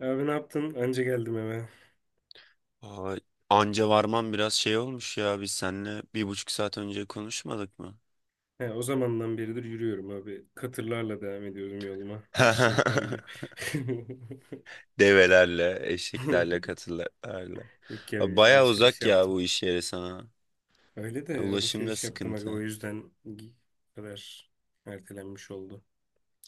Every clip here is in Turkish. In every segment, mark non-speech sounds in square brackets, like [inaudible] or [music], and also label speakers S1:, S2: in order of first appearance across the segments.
S1: Abi ne yaptın? Anca geldim eve.
S2: Aa, anca varman biraz şey olmuş ya. Biz seninle 1,5 saat önce konuşmadık mı?
S1: He, o zamandan beridir yürüyorum abi. Katırlarla devam ediyorum yoluma. Eşeklerle.
S2: [laughs]
S1: [laughs]
S2: Develerle, eşeklerle, katırlarla.
S1: Yok ya bir
S2: Baya
S1: alışveriş
S2: uzak ya
S1: yaptım.
S2: bu iş yeri sana.
S1: Öyle de
S2: Ulaşım da
S1: alışveriş yaptım aga o
S2: sıkıntı.
S1: yüzden bu kadar ertelenmiş oldu.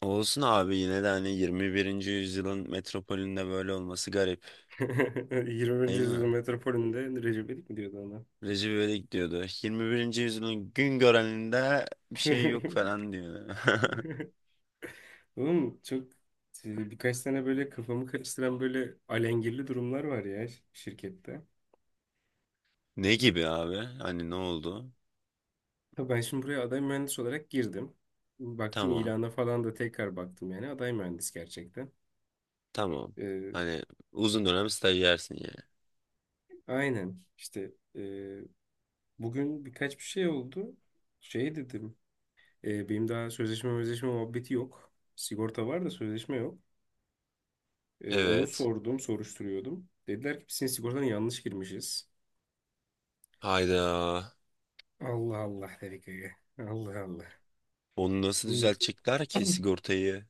S2: Olsun abi yine de hani 21. yüzyılın metropolünde böyle olması garip
S1: [laughs] 20.
S2: değil mi?
S1: yüzyıl metropolünde Recep İvedik mi diyordu ona?
S2: Recep İvedik diyordu. 21. yüzyılın gün göreninde bir şey yok
S1: [laughs]
S2: falan diyor. [laughs]
S1: Oğlum çok birkaç tane böyle kafamı karıştıran böyle alengirli durumlar var ya şirkette.
S2: Ne gibi abi? Hani ne oldu?
S1: Ya ben şimdi buraya aday mühendis olarak girdim. Baktım
S2: Tamam.
S1: ilana falan da tekrar baktım, yani aday mühendis gerçekten.
S2: Tamam.
S1: Ee,
S2: Hani uzun dönem stajyersin yani.
S1: aynen işte, bugün birkaç bir şey oldu. Şey dedim, benim daha sözleşme muhabbeti yok. Sigorta var da sözleşme yok. E, onu
S2: Evet.
S1: sordum soruşturuyordum. Dediler ki biz senin sigortana yanlış girmişiz.
S2: Hayda.
S1: Allah Allah dedik öyle. Allah Allah.
S2: Onu nasıl
S1: Bu-
S2: düzeltecekler ki
S1: [clears throat]
S2: sigortayı?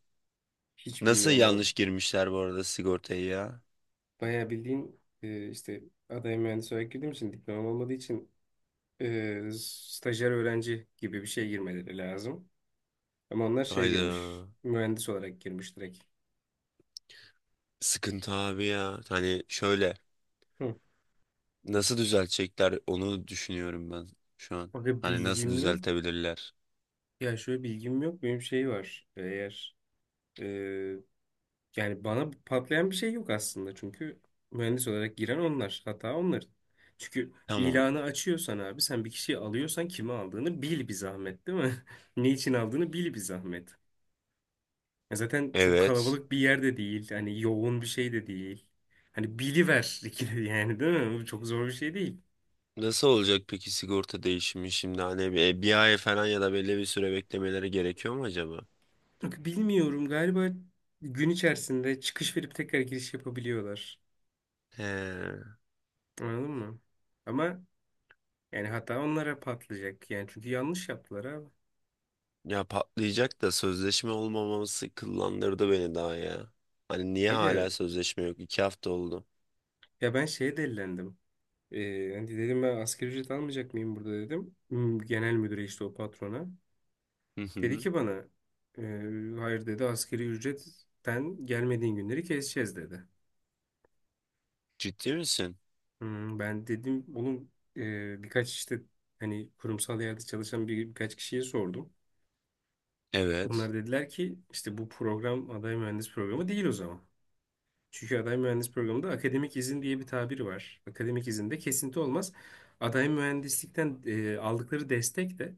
S1: Hiç
S2: Nasıl
S1: bilmiyorum abi.
S2: yanlış girmişler bu arada sigortayı ya?
S1: Bayağı bildiğin, işte aday mühendis olarak girdiğim için, diplomam olmadığı için stajyer öğrenci gibi bir şey girmeleri lazım. Ama onlar şey girmiş.
S2: Hayda.
S1: Mühendis olarak girmiş direkt.
S2: Sıkıntı abi ya. Hani şöyle.
S1: Hı.
S2: Nasıl düzeltecekler onu düşünüyorum ben şu an.
S1: Bakın
S2: Hani nasıl
S1: bilgim yok.
S2: düzeltebilirler?
S1: Ya şöyle, bilgim yok. Benim şey var. Eğer e, yani bana patlayan bir şey yok aslında. Çünkü mühendis olarak giren onlar. Hata onların. Çünkü
S2: Tamam.
S1: ilanı açıyorsan abi, sen bir kişiyi alıyorsan kimi aldığını bil bir zahmet, değil mi? [laughs] Ne için aldığını bil bir zahmet. Ya zaten çok
S2: Evet.
S1: kalabalık bir yer de değil. Hani yoğun bir şey de değil. Hani biliver [laughs] ikili yani, değil mi? Bu çok zor bir şey değil.
S2: Nasıl olacak peki sigorta değişimi şimdi hani bir ay falan ya da belli bir süre beklemeleri gerekiyor mu acaba?
S1: Bak bilmiyorum, galiba gün içerisinde çıkış verip tekrar giriş yapabiliyorlar.
S2: He.
S1: Anladın mı? Ama yani hata onlara patlayacak. Yani çünkü yanlış yaptılar abi.
S2: Ya patlayacak da sözleşme olmaması kıllandırdı beni daha ya. Hani niye
S1: Aga
S2: hala sözleşme yok? 2 hafta oldu.
S1: ya ben şeye delilendim. Hani dedim ben asgari ücret almayacak mıyım burada dedim. Hmm, genel müdüre, işte o patrona.
S2: Hı
S1: Dedi
S2: hı.
S1: ki bana "Ee, hayır" dedi, "askeri ücretten gelmediğin günleri keseceğiz" dedi.
S2: Ciddi misin?
S1: Hmm, ben dedim oğlum, birkaç işte hani kurumsal yerde çalışan birkaç kişiye sordum.
S2: Evet.
S1: Onlar dediler ki işte bu program aday mühendis programı değil o zaman. Çünkü aday mühendis programında akademik izin diye bir tabir var. Akademik izinde kesinti olmaz. Aday mühendislikten aldıkları destek de,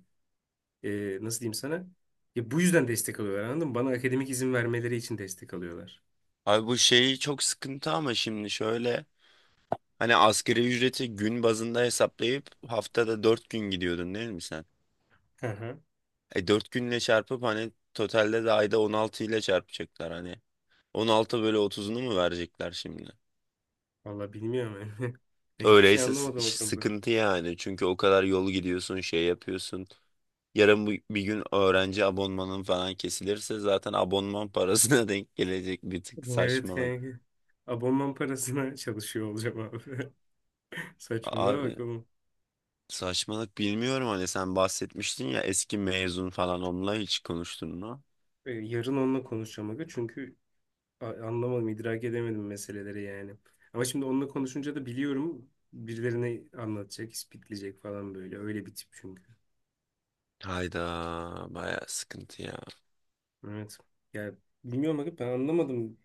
S1: nasıl diyeyim sana? Ya bu yüzden destek alıyorlar, anladın mı? Bana akademik izin vermeleri için destek alıyorlar.
S2: Abi bu şeyi çok sıkıntı ama şimdi şöyle. Hani asgari ücreti gün bazında hesaplayıp haftada 4 gün gidiyordun değil mi sen?
S1: Hı hı.
S2: E 4 günle çarpıp hani totalde de ayda 16 ile çarpacaklar hani. 16 bölü 30'unu mu verecekler şimdi?
S1: Valla bilmiyorum. [laughs] Yani. Ben hiçbir şey
S2: Öyleyse
S1: anlamadım o konuda.
S2: sıkıntı yani. Çünkü o kadar yol gidiyorsun, şey yapıyorsun. Yarın bir gün öğrenci abonmanın falan kesilirse zaten abonman parasına [laughs] denk gelecek bir tık
S1: Evet
S2: saçmalık.
S1: kanka. Abonman parasına [laughs] çalışıyor olacağım abi. [laughs] Saçmalama
S2: Abi
S1: bak oğlum.
S2: saçmalık bilmiyorum hani sen bahsetmiştin ya eski mezun falan onunla hiç konuştun mu?
S1: Yarın onunla konuşacağım aga. Çünkü anlamadım, idrak edemedim meseleleri yani. Ama şimdi onunla konuşunca da biliyorum birilerine anlatacak, ispitleyecek falan böyle. Öyle bir tip çünkü.
S2: Hayda, baya sıkıntı ya.
S1: Evet. Ya bilmiyorum aga, ben anlamadım.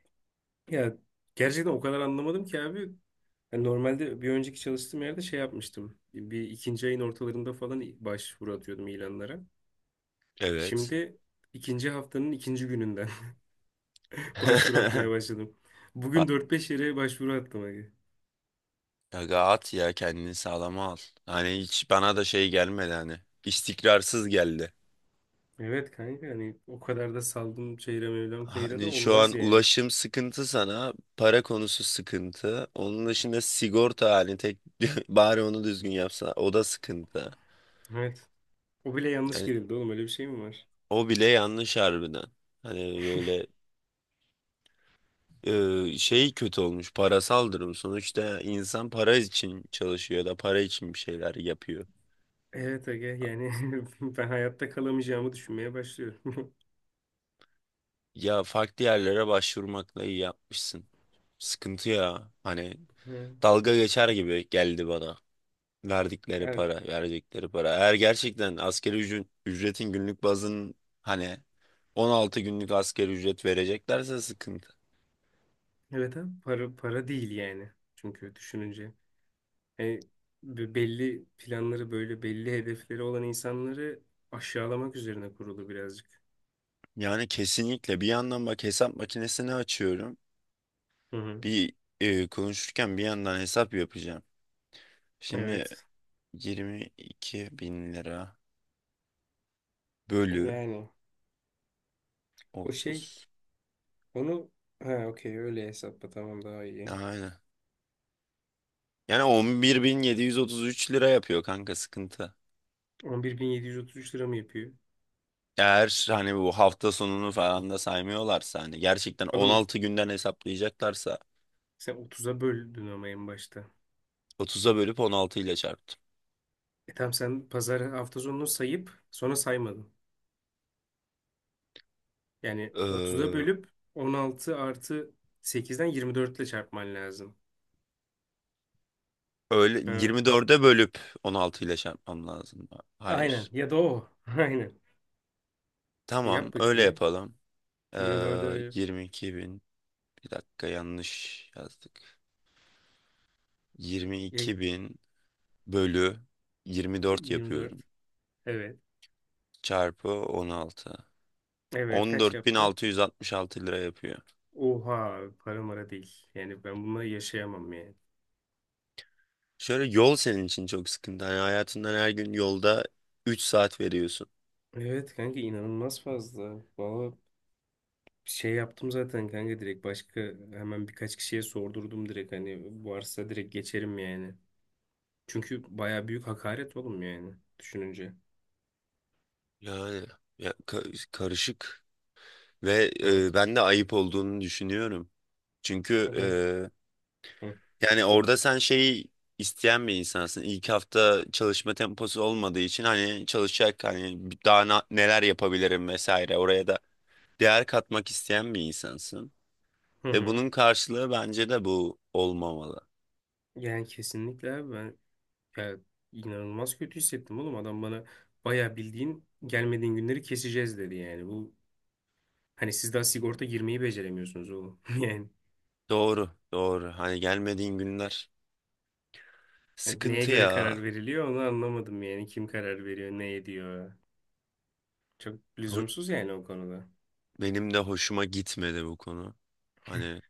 S1: Ya gerçekten o kadar anlamadım ki abi. Yani normalde bir önceki çalıştığım yerde şey yapmıştım. Bir, ikinci ayın ortalarında falan başvuru atıyordum ilanlara.
S2: Evet.
S1: Şimdi ikinci haftanın ikinci gününden [laughs] başvuru atmaya
S2: [laughs]
S1: başladım. Bugün
S2: Ha-
S1: dört beş yere başvuru attım abi.
S2: Aga at ya kendini sağlama al. Hani hiç bana da şey gelmedi hani. İstikrarsız geldi.
S1: Evet kanka, hani o kadar da saldım çeyre mevlam kayıra da
S2: Hani şu
S1: olmaz
S2: an
S1: yani.
S2: ulaşım sıkıntı sana, para konusu sıkıntı. Onun dışında sigorta hani tek [laughs] bari onu düzgün yapsa o da sıkıntı.
S1: Evet. O bile yanlış
S2: Yani
S1: girildi oğlum, öyle bir şey mi var?
S2: o bile yanlış harbiden. Hani böyle şey kötü olmuş parasal durum. Sonuçta insan para için çalışıyor ya da para için bir şeyler yapıyor.
S1: Evet aga yani [laughs] ben hayatta kalamayacağımı düşünmeye başlıyorum.
S2: Ya farklı yerlere başvurmakla iyi yapmışsın. Sıkıntı ya. Hani
S1: [laughs]
S2: dalga geçer gibi geldi bana. Verdikleri
S1: Evet.
S2: para, verdikleri para. Eğer gerçekten asgari ücretin günlük bazın hani 16 günlük asgari ücret vereceklerse sıkıntı.
S1: Evet abi, para para değil yani. Çünkü düşününce, yani belli planları, böyle belli hedefleri olan insanları aşağılamak üzerine kurulu birazcık.
S2: Yani kesinlikle bir yandan bak hesap makinesini açıyorum.
S1: Hı hı.
S2: Bir konuşurken bir yandan hesap yapacağım. Şimdi
S1: Evet.
S2: 22 bin lira bölü
S1: Yani o şey,
S2: 30.
S1: onu, ha okey, öyle hesapla, tamam daha iyi.
S2: Aynen. Yani 11.733 lira yapıyor kanka sıkıntı.
S1: 11.733 lira mı yapıyor?
S2: Eğer hani bu hafta sonunu falan da saymıyorlarsa hani gerçekten
S1: Oğlum
S2: 16 günden hesaplayacaklarsa
S1: sen 30'a böldün ama en başta.
S2: 30'a bölüp 16 ile çarptım.
S1: E tamam, sen pazar hafta sonunu sayıp sonra saymadın. Yani 30'a
S2: Ee,
S1: bölüp 16 artı 8'den 24 ile çarpman lazım.
S2: öyle
S1: Ha.
S2: 24'e bölüp 16 ile çarpmam lazım.
S1: Aynen.
S2: Hayır.
S1: Ya da o. [laughs] Aynen.
S2: Tamam
S1: Yap
S2: öyle
S1: bakayım bir.
S2: yapalım.
S1: 24'e
S2: 22 bin, bir dakika yanlış yazdık.
S1: ya
S2: 22 bin bölü 24
S1: 24.
S2: yapıyorum.
S1: Evet.
S2: Çarpı 16.
S1: Evet. Kaç yaptı?
S2: 14.666 lira yapıyor.
S1: Oha. Para mara değil. Yani ben bununla yaşayamam yani.
S2: Şöyle yol senin için çok sıkıntı. Hani hayatından her gün yolda 3 saat veriyorsun.
S1: Evet kanka, inanılmaz fazla. Valla şey yaptım zaten kanka, direkt başka, hemen birkaç kişiye sordurdum, direkt hani varsa direkt geçerim yani. Çünkü baya büyük hakaret oğlum yani, düşününce.
S2: Yani ya, karışık ve
S1: Evet.
S2: ben de ayıp olduğunu düşünüyorum. Çünkü
S1: Evet. Hı.
S2: yani orada sen şeyi isteyen bir insansın. İlk hafta çalışma temposu olmadığı için hani çalışacak hani daha neler yapabilirim vesaire oraya da değer katmak isteyen bir insansın.
S1: Hı
S2: Ve
S1: hı.
S2: bunun karşılığı bence de bu olmamalı.
S1: Yani kesinlikle abi, ben ya inanılmaz kötü hissettim oğlum. Adam bana bayağı bildiğin "gelmediğin günleri keseceğiz" dedi yani. Bu, hani siz daha sigorta girmeyi beceremiyorsunuz oğlum. [laughs] Yani
S2: Doğru, doğru. Hani gelmediğin günler
S1: hani neye
S2: sıkıntı
S1: göre karar
S2: ya.
S1: veriliyor onu anlamadım yani. Kim karar veriyor, ne ediyor. Çok
S2: Ho-
S1: lüzumsuz yani o konuda.
S2: Benim de hoşuma gitmedi bu konu. Hani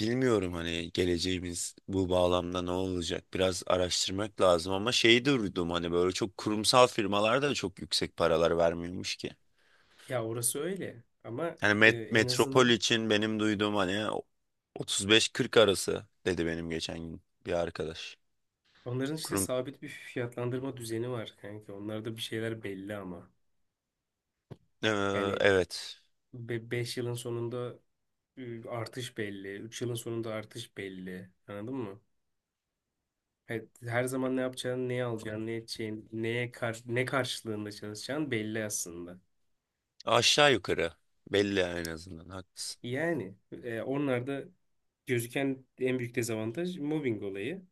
S2: bilmiyorum hani geleceğimiz bu bağlamda ne olacak? Biraz araştırmak lazım ama şeyi de duydum hani böyle çok kurumsal firmalarda da çok yüksek paralar vermiyormuş ki.
S1: Ya orası öyle ama
S2: Yani
S1: en
S2: metropol
S1: azından
S2: için benim duyduğum hani 35-40 arası dedi benim geçen gün bir arkadaş.
S1: onların işte
S2: Kurum
S1: sabit bir fiyatlandırma düzeni var kanka. Onlarda bir şeyler belli ama.
S2: Ee,
S1: Yani
S2: evet,
S1: 5 yılın sonunda artış belli, 3 yılın sonunda artış belli. Anladın mı? Evet, her zaman ne yapacağın, neye alacağın, ne edeceğin, neye kar, ne karşılığında çalışacağın belli aslında.
S2: aşağı yukarı belli en azından haklısın.
S1: Yani onlar gözüken en büyük dezavantaj mobbing olayı.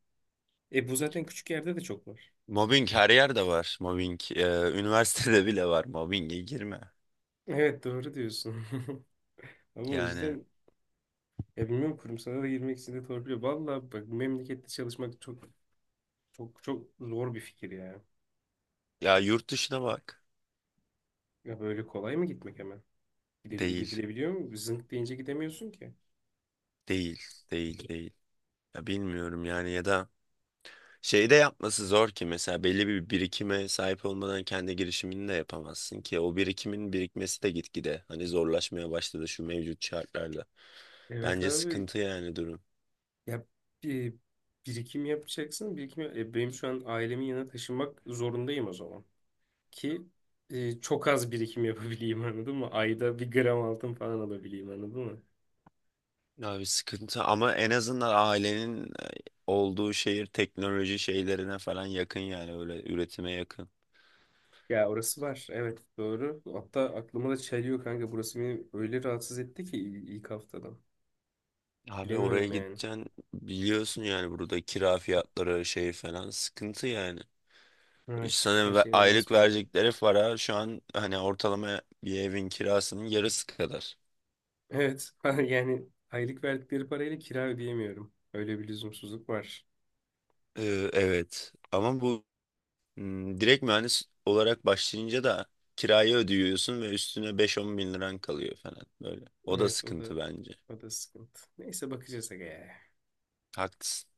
S1: E bu zaten küçük yerde de çok var.
S2: Mobbing her yerde var. Mobbing [laughs] üniversitede bile var. Mobbinge girme.
S1: Evet doğru diyorsun. [laughs] Ama o
S2: Yani
S1: yüzden ya bilmiyorum, kurumsala da girmek için de torpiliyor. Valla bak, memlekette çalışmak çok çok çok zor bir fikir ya.
S2: ya yurt dışına bak.
S1: Ya böyle kolay mı gitmek hemen?
S2: Değil.
S1: Gidilebiliyor mu? Zınk deyince gidemiyorsun ki.
S2: Değil. Değil. Değil. Ya bilmiyorum yani ya da şey de yapması zor ki mesela belli bir birikime sahip olmadan kendi girişimini de yapamazsın ki o birikimin birikmesi de gitgide hani zorlaşmaya başladı şu mevcut şartlarla.
S1: Evet
S2: Bence
S1: abi.
S2: sıkıntı yani durum.
S1: Ya bir birikim yapacaksın. Birikim, benim şu an ailemin yanına taşınmak zorundayım o zaman. Ki çok az birikim yapabileyim [laughs] anladın mı? Ayda bir gram altın falan alabileyim, anladın mı?
S2: Abi sıkıntı ama en azından ailenin olduğu şehir teknoloji şeylerine falan yakın, yani öyle üretime yakın.
S1: Ya orası var. Evet doğru. Hatta aklıma da çeliyor kanka. Burası beni öyle rahatsız etti ki ilk haftadan.
S2: Abi oraya
S1: Bilemiyorum yani.
S2: gideceksin biliyorsun, yani burada kira fiyatları şey falan sıkıntı yani.
S1: Evet. Her
S2: Sana
S1: şey inanılmaz
S2: aylık
S1: pahalı.
S2: verecekleri para şu an hani ortalama bir evin kirasının yarısı kadar.
S1: Evet. [laughs] Yani aylık verdikleri parayla kira ödeyemiyorum. Öyle bir lüzumsuzluk var.
S2: Evet ama bu direkt mühendis olarak başlayınca da kirayı ödüyorsun ve üstüne 5-10 bin liran kalıyor falan böyle. O da
S1: Evet, o
S2: sıkıntı
S1: da
S2: bence.
S1: o da sıkıntı. Neyse bakacağız aga ya.
S2: Haklısın.